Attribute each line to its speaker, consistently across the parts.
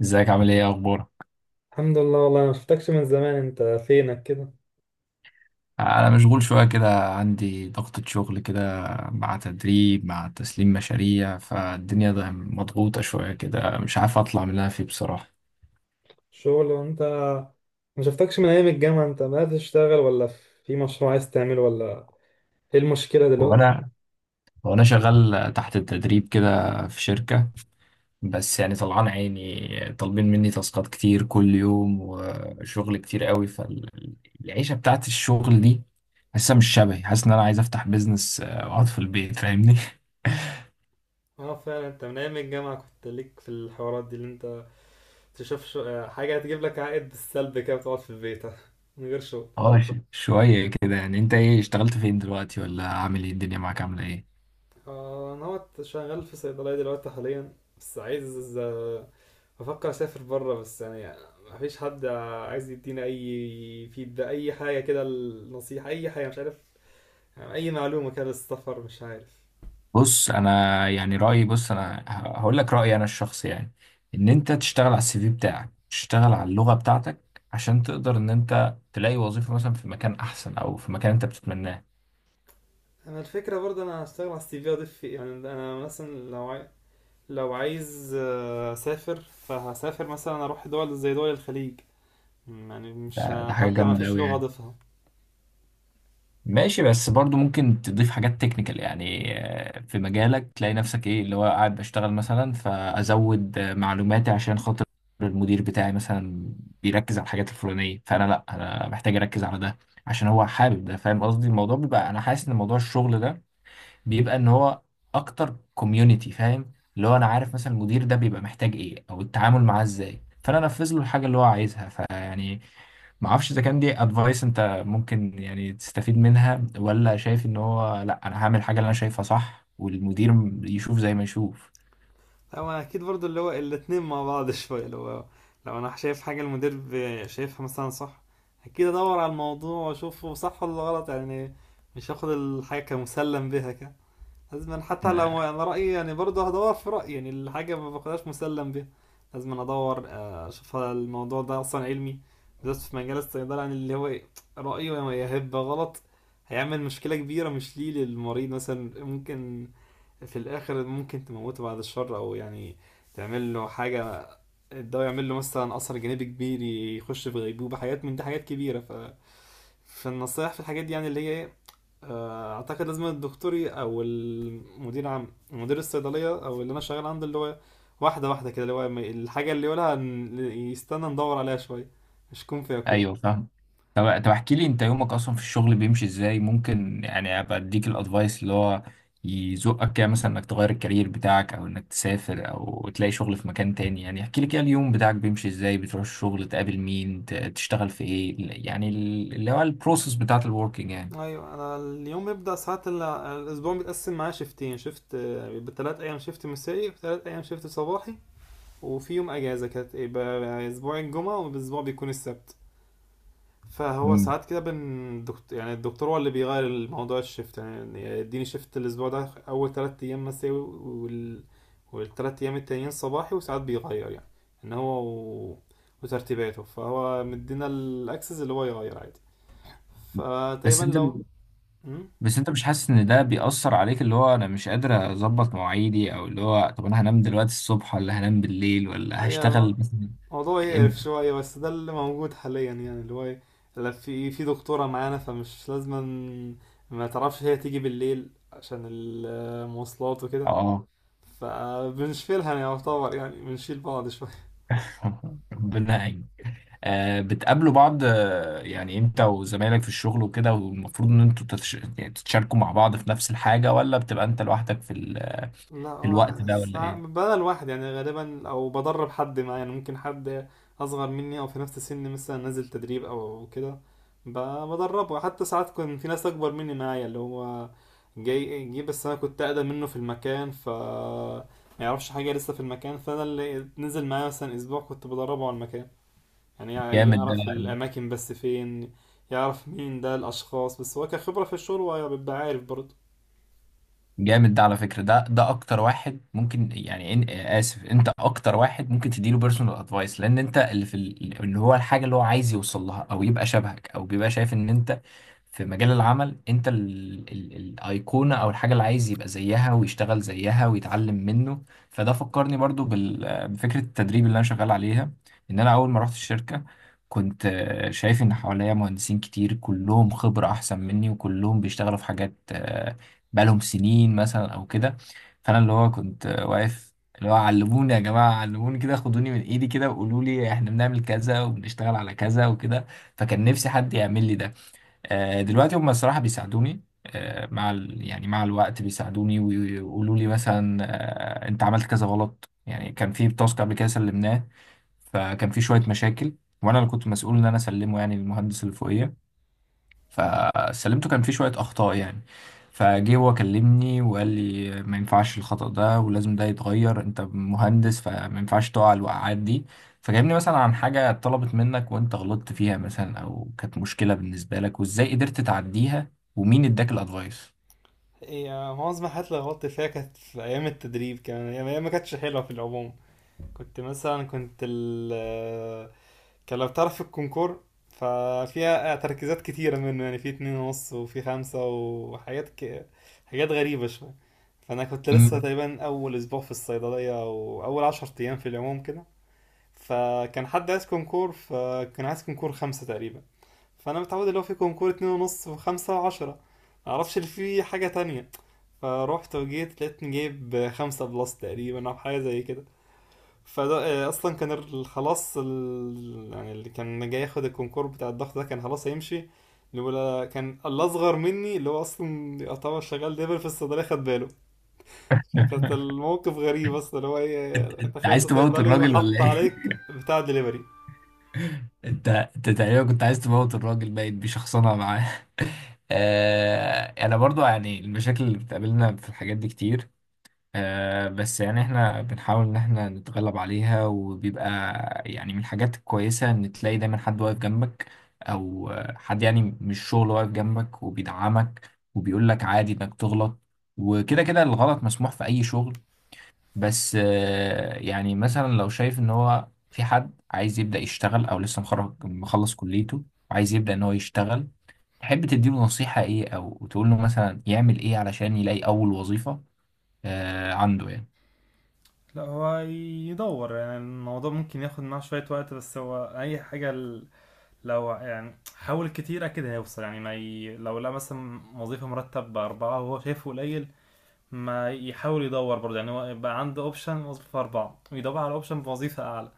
Speaker 1: ازيك عامل ايه اخبارك؟
Speaker 2: الحمد لله، والله ما شفتكش من زمان. انت فينك كده؟
Speaker 1: انا مشغول شويه كده، عندي ضغطة شغل كده، مع تدريب، مع تسليم مشاريع. فالدنيا ده مضغوطه شويه كده. مش عارف اطلع من اللي انا فيه بصراحه.
Speaker 2: شغل؟ وانت ما شفتكش من ايام الجامعة، انت بدأت تشتغل ولا في مشروع عايز تعمله ولا ايه المشكلة دلوقتي؟
Speaker 1: وانا وانا شغال تحت التدريب كده في شركه. بس يعني طلعان عيني، طالبين مني تاسكات كتير كل يوم وشغل كتير قوي. فالعيشه بتاعت الشغل دي حاسسها مش شبهي. حاسس ان انا عايز افتح بيزنس، واقعد في البيت، فاهمني؟
Speaker 2: اه فعلا انت من ايام الجامعة كنت ليك في الحوارات دي، اللي انت حاجة هتجيب لك عائد بالسلب كده، بتقعد في البيت من غير شغل.
Speaker 1: اه، شوية كده. يعني انت ايه، اشتغلت فين دلوقتي، ولا عامل ايه؟ الدنيا معاك عاملة ايه؟
Speaker 2: انا هو شغال في صيدلية دلوقتي حاليا، بس عايز، بفكر اسافر بره، بس مفيش حد عايز يدينا اي فيدباك، اي حاجه كده، النصيحه، اي حاجه مش عارف، يعني اي معلومه كده للسفر مش عارف.
Speaker 1: بص، انا يعني رأيي، هقول لك رأيي انا الشخصي يعني. ان انت تشتغل على CV بتاعك، تشتغل على اللغة بتاعتك، عشان تقدر ان انت تلاقي وظيفة مثلا في مكان احسن، او في مكان انت بتتمناه.
Speaker 2: انا الفكره برضه انا هشتغل على السي في، اضيف فيه، يعني انا مثلا لو عايز اسافر فهسافر، مثلا اروح دول زي دول الخليج، يعني مش
Speaker 1: ده,
Speaker 2: ه-
Speaker 1: ده حاجة
Speaker 2: حتى ما
Speaker 1: جامدة
Speaker 2: فيش
Speaker 1: قوي
Speaker 2: لغه
Speaker 1: يعني.
Speaker 2: اضيفها.
Speaker 1: ماشي، بس برضو ممكن تضيف حاجات تكنيكال يعني، في مجالك، تلاقي نفسك ايه اللي هو قاعد بشتغل مثلا، فازود معلوماتي عشان خاطر المدير بتاعي مثلا بيركز على الحاجات الفلانية، فانا لا، انا محتاج اركز على ده عشان هو حابب ده، فاهم قصدي؟ الموضوع بيبقى انا حاسس ان موضوع الشغل ده بيبقى ان هو اكتر كوميونتي. فاهم اللي هو انا عارف مثلا المدير ده بيبقى محتاج ايه، او التعامل معاه ازاي، فانا انفذ له الحاجه اللي هو عايزها. فيعني ما اعرفش اذا كان دي ادفايس انت ممكن يعني تستفيد منها، ولا شايف ان هو لا، انا هعمل الحاجه اللي انا شايفها صح، والمدير يشوف زي ما يشوف.
Speaker 2: هو اكيد برضو اللي هو الاتنين مع بعض شوية، اللي هو لو انا شايف حاجة المدير شايفها مثلا صح، اكيد ادور على الموضوع واشوفه صح ولا غلط، يعني مش هاخد الحاجة كمسلم بها كده. لازم أنا حتى لو انا رأيي، يعني برضو هدور في رأيي، يعني الحاجة ما باخدهاش مسلم بها. لازم أنا ادور اشوف هل الموضوع ده اصلا علمي، بالذات في مجال الصيدلة، يعني اللي هو رأيه يا هيبقى غلط، هيعمل مشكلة كبيرة، مش ليه للمريض مثلا ممكن في الاخر ممكن تموته، بعد الشر، او يعني تعمل له حاجه، الدواء يعمل له مثلا اثر جانبي كبير، يخش في غيبوبه، حاجات من دي، حاجات كبيره، ف فالنصايح في الحاجات دي يعني اللي هي ايه، اعتقد لازم الدكتور او المدير عام مدير الصيدليه او اللي انا شغال عنده، اللي هو واحده واحده كده، اللي هو الحاجه اللي يقولها يستنى ندور عليها شويه، مش كون فيكون.
Speaker 1: ايوه، فاهم. طب احكي لي انت، يومك اصلا في الشغل بيمشي ازاي؟ ممكن يعني ابقى اديك الادفايس اللي هو يزقك كده مثلا، انك تغير الكارير بتاعك، او انك تسافر، او تلاقي شغل في مكان تاني. يعني احكي لي كده، اليوم بتاعك بيمشي ازاي؟ بتروح الشغل، تقابل مين، تشتغل في ايه؟ يعني اللي هو البروسيس بتاعت الوركينج يعني.
Speaker 2: ايوه انا اليوم بيبدأ، ساعات الاسبوع بيتقسم معايا شيفتين، شيفت بثلاث ايام شيفت مسائي وثلاث ايام شيفت صباحي، وفي يوم اجازه كانت يبقى اسبوع الجمعه والاسبوع بيكون السبت. فهو
Speaker 1: مم.
Speaker 2: ساعات كده بن دكتور، يعني الدكتور هو اللي بيغير الموضوع الشيفت، يعني يديني شيفت الاسبوع ده اول ثلاث ايام مسائي، وال والثلاث ايام التانيين صباحي، وساعات بيغير، يعني ان وترتيباته، فهو مدينا الاكسس اللي هو يغير عادي.
Speaker 1: بس
Speaker 2: فتقريبا
Speaker 1: انت
Speaker 2: لو، مم؟
Speaker 1: بس انت مش حاسس ان ده بيأثر عليك؟ اللي هو، انا مش قادر اظبط مواعيدي، او اللي هو، طب انا هنام دلوقتي الصبح ولا هنام بالليل، ولا هشتغل
Speaker 2: ايوه.
Speaker 1: مثلا؟
Speaker 2: موضوع يقرف
Speaker 1: امتى؟
Speaker 2: شوية، بس ده اللي موجود حاليا، يعني اللي هو إيه، لا في دكتورة معانا، فمش لازم، ما تعرفش هي تيجي بالليل عشان المواصلات وكده،
Speaker 1: اه.
Speaker 2: فبنشيلها يعني، يعتبر يعني بنشيل بعض شوية.
Speaker 1: ربنا يعين. آه، بتقابلوا بعض، يعني انت وزمايلك في الشغل وكده؟ والمفروض ان انتوا يعني تتشاركوا مع بعض في نفس الحاجة، ولا بتبقى انت لوحدك
Speaker 2: لا
Speaker 1: في الوقت ده
Speaker 2: بس
Speaker 1: ولا ايه؟
Speaker 2: بدل واحد يعني غالبا، او بدرب حد معايا، يعني ممكن حد اصغر مني او في نفس سني مثلا، نازل تدريب او كده، بدربه. حتى ساعات كان في ناس اكبر مني معايا، اللي هو جه، بس انا كنت اقدم منه في المكان، ف ما يعرفش حاجه لسه في المكان، فانا اللي نزل معايا مثلا اسبوع كنت بدربه على المكان، يعني
Speaker 1: جامد ده.
Speaker 2: يعرف الاماكن بس فين، يعرف مين ده الاشخاص، بس هو كخبره في الشغل هو بيبقى عارف برضه.
Speaker 1: جامد ده على فكرة. ده اكتر واحد ممكن يعني، اسف، انت اكتر واحد ممكن تديله بيرسونال ادفايس، لان انت اللي في اللي هو الحاجة اللي هو عايز يوصل لها، او يبقى شبهك، او بيبقى شايف ان انت في مجال العمل انت الايقونة، او الحاجة اللي عايز يبقى زيها ويشتغل زيها ويتعلم منه. فده فكرني برضو بفكرة التدريب اللي انا شغال عليها. ان انا اول ما رحت الشركة، كنت شايف ان حواليا مهندسين كتير، كلهم خبرة احسن مني، وكلهم بيشتغلوا في حاجات بقالهم سنين مثلا او كده. فانا اللي هو كنت واقف اللي هو، علموني يا جماعه، علموني كده، خدوني من ايدي كده، وقولوا لي احنا بنعمل كذا وبنشتغل على كذا وكده. فكان نفسي حد يعمل لي ده. دلوقتي هم الصراحه بيساعدوني، مع يعني مع الوقت بيساعدوني ويقولوا لي مثلا، انت عملت كذا غلط. يعني كان في تاسك قبل كده سلمناه، فكان في شويه مشاكل، وانا اللي كنت مسؤول ان انا اسلمه يعني للمهندس اللي فوقيا. فسلمته كان فيه شوية أخطاء يعني. فجه هو كلمني وقال لي ما ينفعش الخطأ ده ولازم ده يتغير، أنت مهندس فما ينفعش تقع الوقعات دي. فكلمني مثلا، عن حاجة اتطلبت منك وأنت غلطت فيها مثلا، أو كانت مشكلة بالنسبة لك وإزاي قدرت تعديها، ومين اداك الأدفايس؟
Speaker 2: هي معظم الحاجات اللي غلطت فيها كانت في أيام التدريب كمان، هي ما كانتش حلوة في العموم. كنت مثلا كنت ال آه، كان لو تعرف الكونكور ففيها تركيزات كتيرة منه، يعني في اتنين ونص وفي خمسة وحاجات حاجات غريبة شوية. فأنا كنت لسه
Speaker 1: مم.
Speaker 2: تقريبا أول أسبوع في الصيدلية أو أول عشر أيام في العموم كده. فكان عايز كونكور خمسة تقريبا. فأنا متعود اللي هو في كونكور اتنين ونص وخمسة وعشرة، معرفش اللي فيه حاجة تانية. فروحت وجيت لقيتني جايب خمسة بلس تقريبا أو حاجة زي كده. فده أصلا كان يعني اللي كان جاي ياخد الكونكور بتاع الضغط ده كان خلاص هيمشي. الأولى كان الأصغر مني، اللي هو أصلا يعتبر شغال ليفل في الصيدلية، خد باله فكانت الموقف غريب أصلا، اللي هو إيه،
Speaker 1: أنت
Speaker 2: تخيلت
Speaker 1: عايز تموت
Speaker 2: صيدلي
Speaker 1: الراجل
Speaker 2: وحط
Speaker 1: ولا إيه؟
Speaker 2: عليك بتاع دليفري.
Speaker 1: أنت تقريبا كنت عايز تموت الراجل، باين بشخصنة معاه. آه، انا برضو يعني المشاكل اللي بتقابلنا في الحاجات دي كتير. آه، بس يعني احنا بنحاول ان احنا نتغلب عليها، وبيبقى يعني من الحاجات الكويسة ان تلاقي دايما حد واقف جنبك، او حد يعني مش شغل واقف جنبك وبيدعمك وبيقول لك عادي انك تغلط، وكده كده الغلط مسموح في اي شغل. بس يعني مثلا لو شايف ان هو في حد عايز يبدأ يشتغل، او لسه مخرج مخلص كليته وعايز يبدأ ان هو يشتغل، تحب تديله نصيحة ايه، او تقول له مثلا يعمل ايه علشان يلاقي اول وظيفة عنده يعني؟
Speaker 2: لا هو يدور، يعني الموضوع ممكن ياخد معاه شوية وقت، بس هو أي حاجة لو يعني حاول كتير اكيد هيوصل، يعني ما ي... لو لا مثلا وظيفه مرتب باربعه وهو شايفه قليل، ما يحاول يدور برضه، يعني هو يبقى عنده اوبشن وظيفه اربعه ويدور على اوبشن بوظيفه اعلى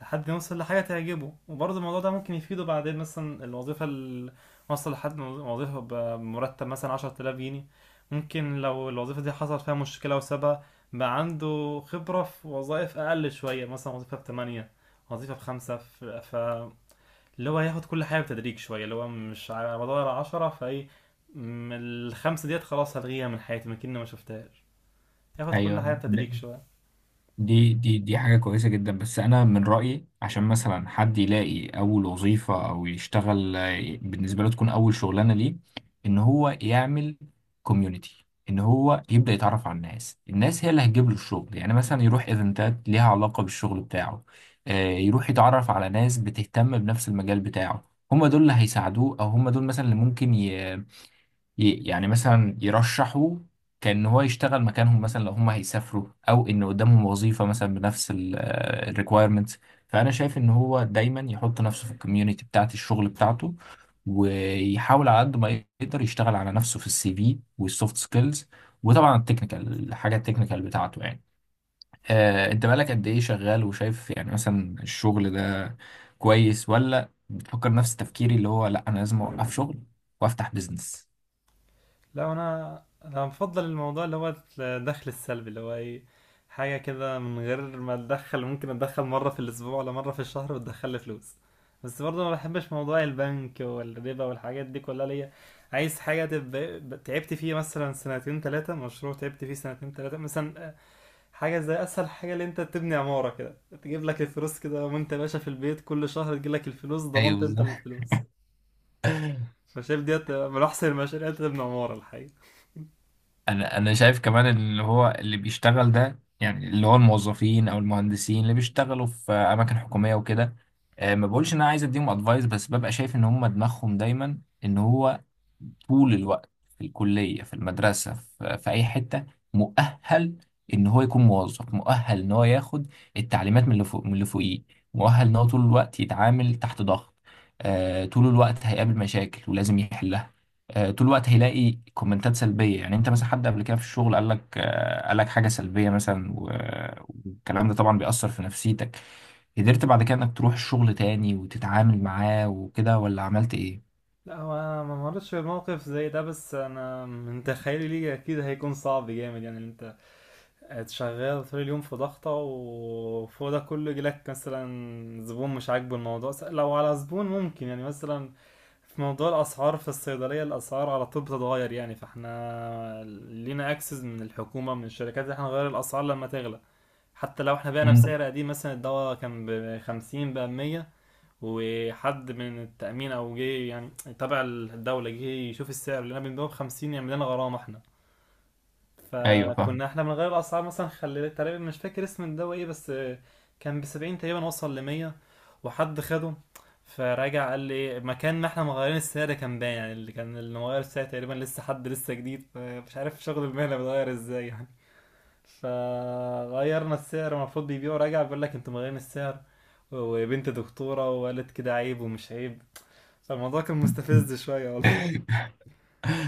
Speaker 2: لحد ما يوصل لحاجه تعجبه. وبرضه الموضوع ده ممكن يفيده بعدين، مثلا الوظيفه اللي وصل لحد وظيفه بمرتب مثلا 10000 جنيه، ممكن لو الوظيفه دي حصل فيها مشكله وسابها، بقى عنده خبره في وظائف اقل شويه، مثلا وظيفه ب 8، وظيفه بخمسة، اللي هو هياخد كل حاجه بتدريج شويه، اللي هو مش على مدار عشرة، فايه، الخمسه ديت خلاص هلغيها من حياتي، ما كأني ما شفتهاش. ياخد كل
Speaker 1: ايوه.
Speaker 2: حاجه بتدريج شويه.
Speaker 1: دي حاجه كويسه جدا. بس انا من رايي عشان مثلا حد يلاقي اول وظيفه، او يشتغل بالنسبه له، تكون اول شغلانه ليه، ان هو يعمل كوميونتي. ان هو يبدا يتعرف على الناس. الناس هي اللي هتجيب له الشغل. يعني مثلا يروح ايفنتات ليها علاقه بالشغل بتاعه. يروح يتعرف على ناس بتهتم بنفس المجال بتاعه. هم دول اللي هيساعدوه، او هم دول مثلا اللي ممكن يعني مثلا يرشحوا كأن هو يشتغل مكانهم مثلا، لو هم هيسافروا، او ان قدامهم وظيفة مثلا بنفس الريكويرمنتس. فانا شايف ان هو دايما يحط نفسه في الكوميونتي بتاعت الشغل بتاعته، ويحاول على قد ما يقدر يشتغل على نفسه في CV والسوفت سكيلز، وطبعا التكنيكال، الحاجة التكنيكال بتاعته يعني. انت بقالك قد ايه شغال وشايف يعني مثلا الشغل ده كويس، ولا بتفكر نفس تفكيري اللي هو لا، انا لازم اوقف شغل وافتح بزنس؟
Speaker 2: لا انا بفضل الموضوع اللي هو الدخل السلبي، اللي هو ايه، حاجه كده من غير ما اتدخل، ممكن اتدخل مره في الاسبوع ولا مره في الشهر وتدخل لي فلوس. بس برضه ما بحبش موضوع البنك والربا والحاجات دي كلها ليا. عايز حاجه تبقى تعبت فيه مثلا سنتين ثلاثه، مشروع تعبت فيه سنتين ثلاثه مثلا، حاجة زي أسهل حاجة اللي أنت تبني عمارة كده، تجيب لك الفلوس كده وأنت باشا في البيت، كل شهر تجيب لك الفلوس،
Speaker 1: ايوه،
Speaker 2: ضمنت أنت
Speaker 1: بالظبط.
Speaker 2: الفلوس. فشايف ديت من أحسن المشاريع، اللي أنت تبني عمارة الحقيقة.
Speaker 1: انا شايف كمان اللي هو، اللي بيشتغل ده، يعني اللي هو الموظفين او المهندسين اللي بيشتغلوا في اماكن حكوميه وكده، ما بقولش ان انا عايز اديهم ادفايس، بس ببقى شايف ان هم دماغهم دايما ان هو طول الوقت، في الكليه، في المدرسه، في اي حته، مؤهل ان هو يكون موظف، مؤهل ان هو ياخد التعليمات من اللي فوق، من اللي فوقيه، مؤهل ان هو طول الوقت يتعامل تحت ضغط، طول الوقت هيقابل مشاكل ولازم يحلها، طول الوقت هيلاقي كومنتات سلبيه. يعني انت مثلا حد قبل كده في الشغل قال لك، قال لك حاجه سلبيه مثلا، والكلام ده طبعا بيأثر في نفسيتك. قدرت بعد كده انك تروح الشغل تاني وتتعامل معاه وكده، ولا عملت ايه؟
Speaker 2: لا هو أنا ما مرتش في موقف زي ده، بس أنا من تخيلي ليه أكيد هيكون صعب جامد، يعني اللي أنت شغال طول اليوم في ضغطة وفوق ده كله يجيلك مثلا زبون مش عاجبه الموضوع. لو على زبون ممكن يعني مثلا، في موضوع الاسعار في الصيدليه، الاسعار على طول بتتغير يعني، فاحنا لينا اكسس من الحكومه من الشركات ان احنا نغير الاسعار لما تغلى، حتى لو احنا بعنا
Speaker 1: مم.
Speaker 2: بسعر قديم. مثلا الدواء كان ب 50 بقى 100، وحد من التامين او جه يعني تبع الدوله جه يشوف السعر اللي انا بنبيعه ب 50، يعمل لنا غرامه احنا.
Speaker 1: ايوه، فاهم.
Speaker 2: فكنا احنا بنغير الاسعار مثلا، خلي تقريبا مش فاكر اسم الدواء ايه بس كان بسبعين تقريبا، وصل لمية، وحد خده فراجع، قال لي إيه، مكان ما احنا مغيرين السعر كان باين يعني، اللي كان اللي مغير السعر تقريبا لسه حد لسه جديد فمش عارف شغل المهنة بيتغير ازاي يعني، فغيرنا السعر، المفروض بيبيعه راجع بيقول لك انتوا مغيرين السعر، وبنت دكتورة وقالت كده عيب ومش عيب. فالموضوع كان مستفز شوية والله.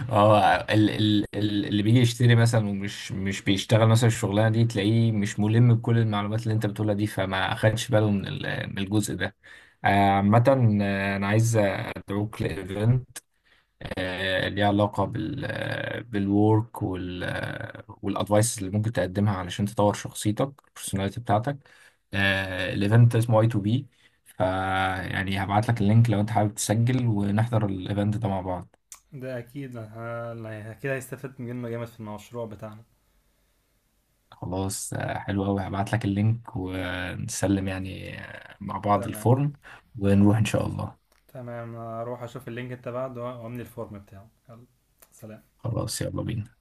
Speaker 1: اه، اللي بيجي يشتري مثلا ومش مش بيشتغل مثلا الشغلانه دي، تلاقيه مش ملم بكل المعلومات اللي انت بتقولها دي، فما اخدش باله من الجزء ده. آه، عامة، انا عايز ادعوك لايفنت، ليها علاقة بالورك والادفايس اللي ممكن تقدمها علشان تطور شخصيتك، البرسوناليتي بتاعتك. الايفنت اسمه A to B. فيعني هبعت لك اللينك لو انت حابب تسجل، ونحضر الايفنت ده مع بعض.
Speaker 2: ده أكيد يعني أكيد هيستفاد منه جامد في المشروع بتاعنا.
Speaker 1: خلاص، حلو قوي. هبعت لك اللينك ونسلم يعني، مع بعض
Speaker 2: تمام.
Speaker 1: الفورم. ونروح ان شاء الله.
Speaker 2: تمام هروح اشوف اللينك انت بعده واملي الفورم بتاعه. يلا، سلام.
Speaker 1: خلاص، يلا بينا.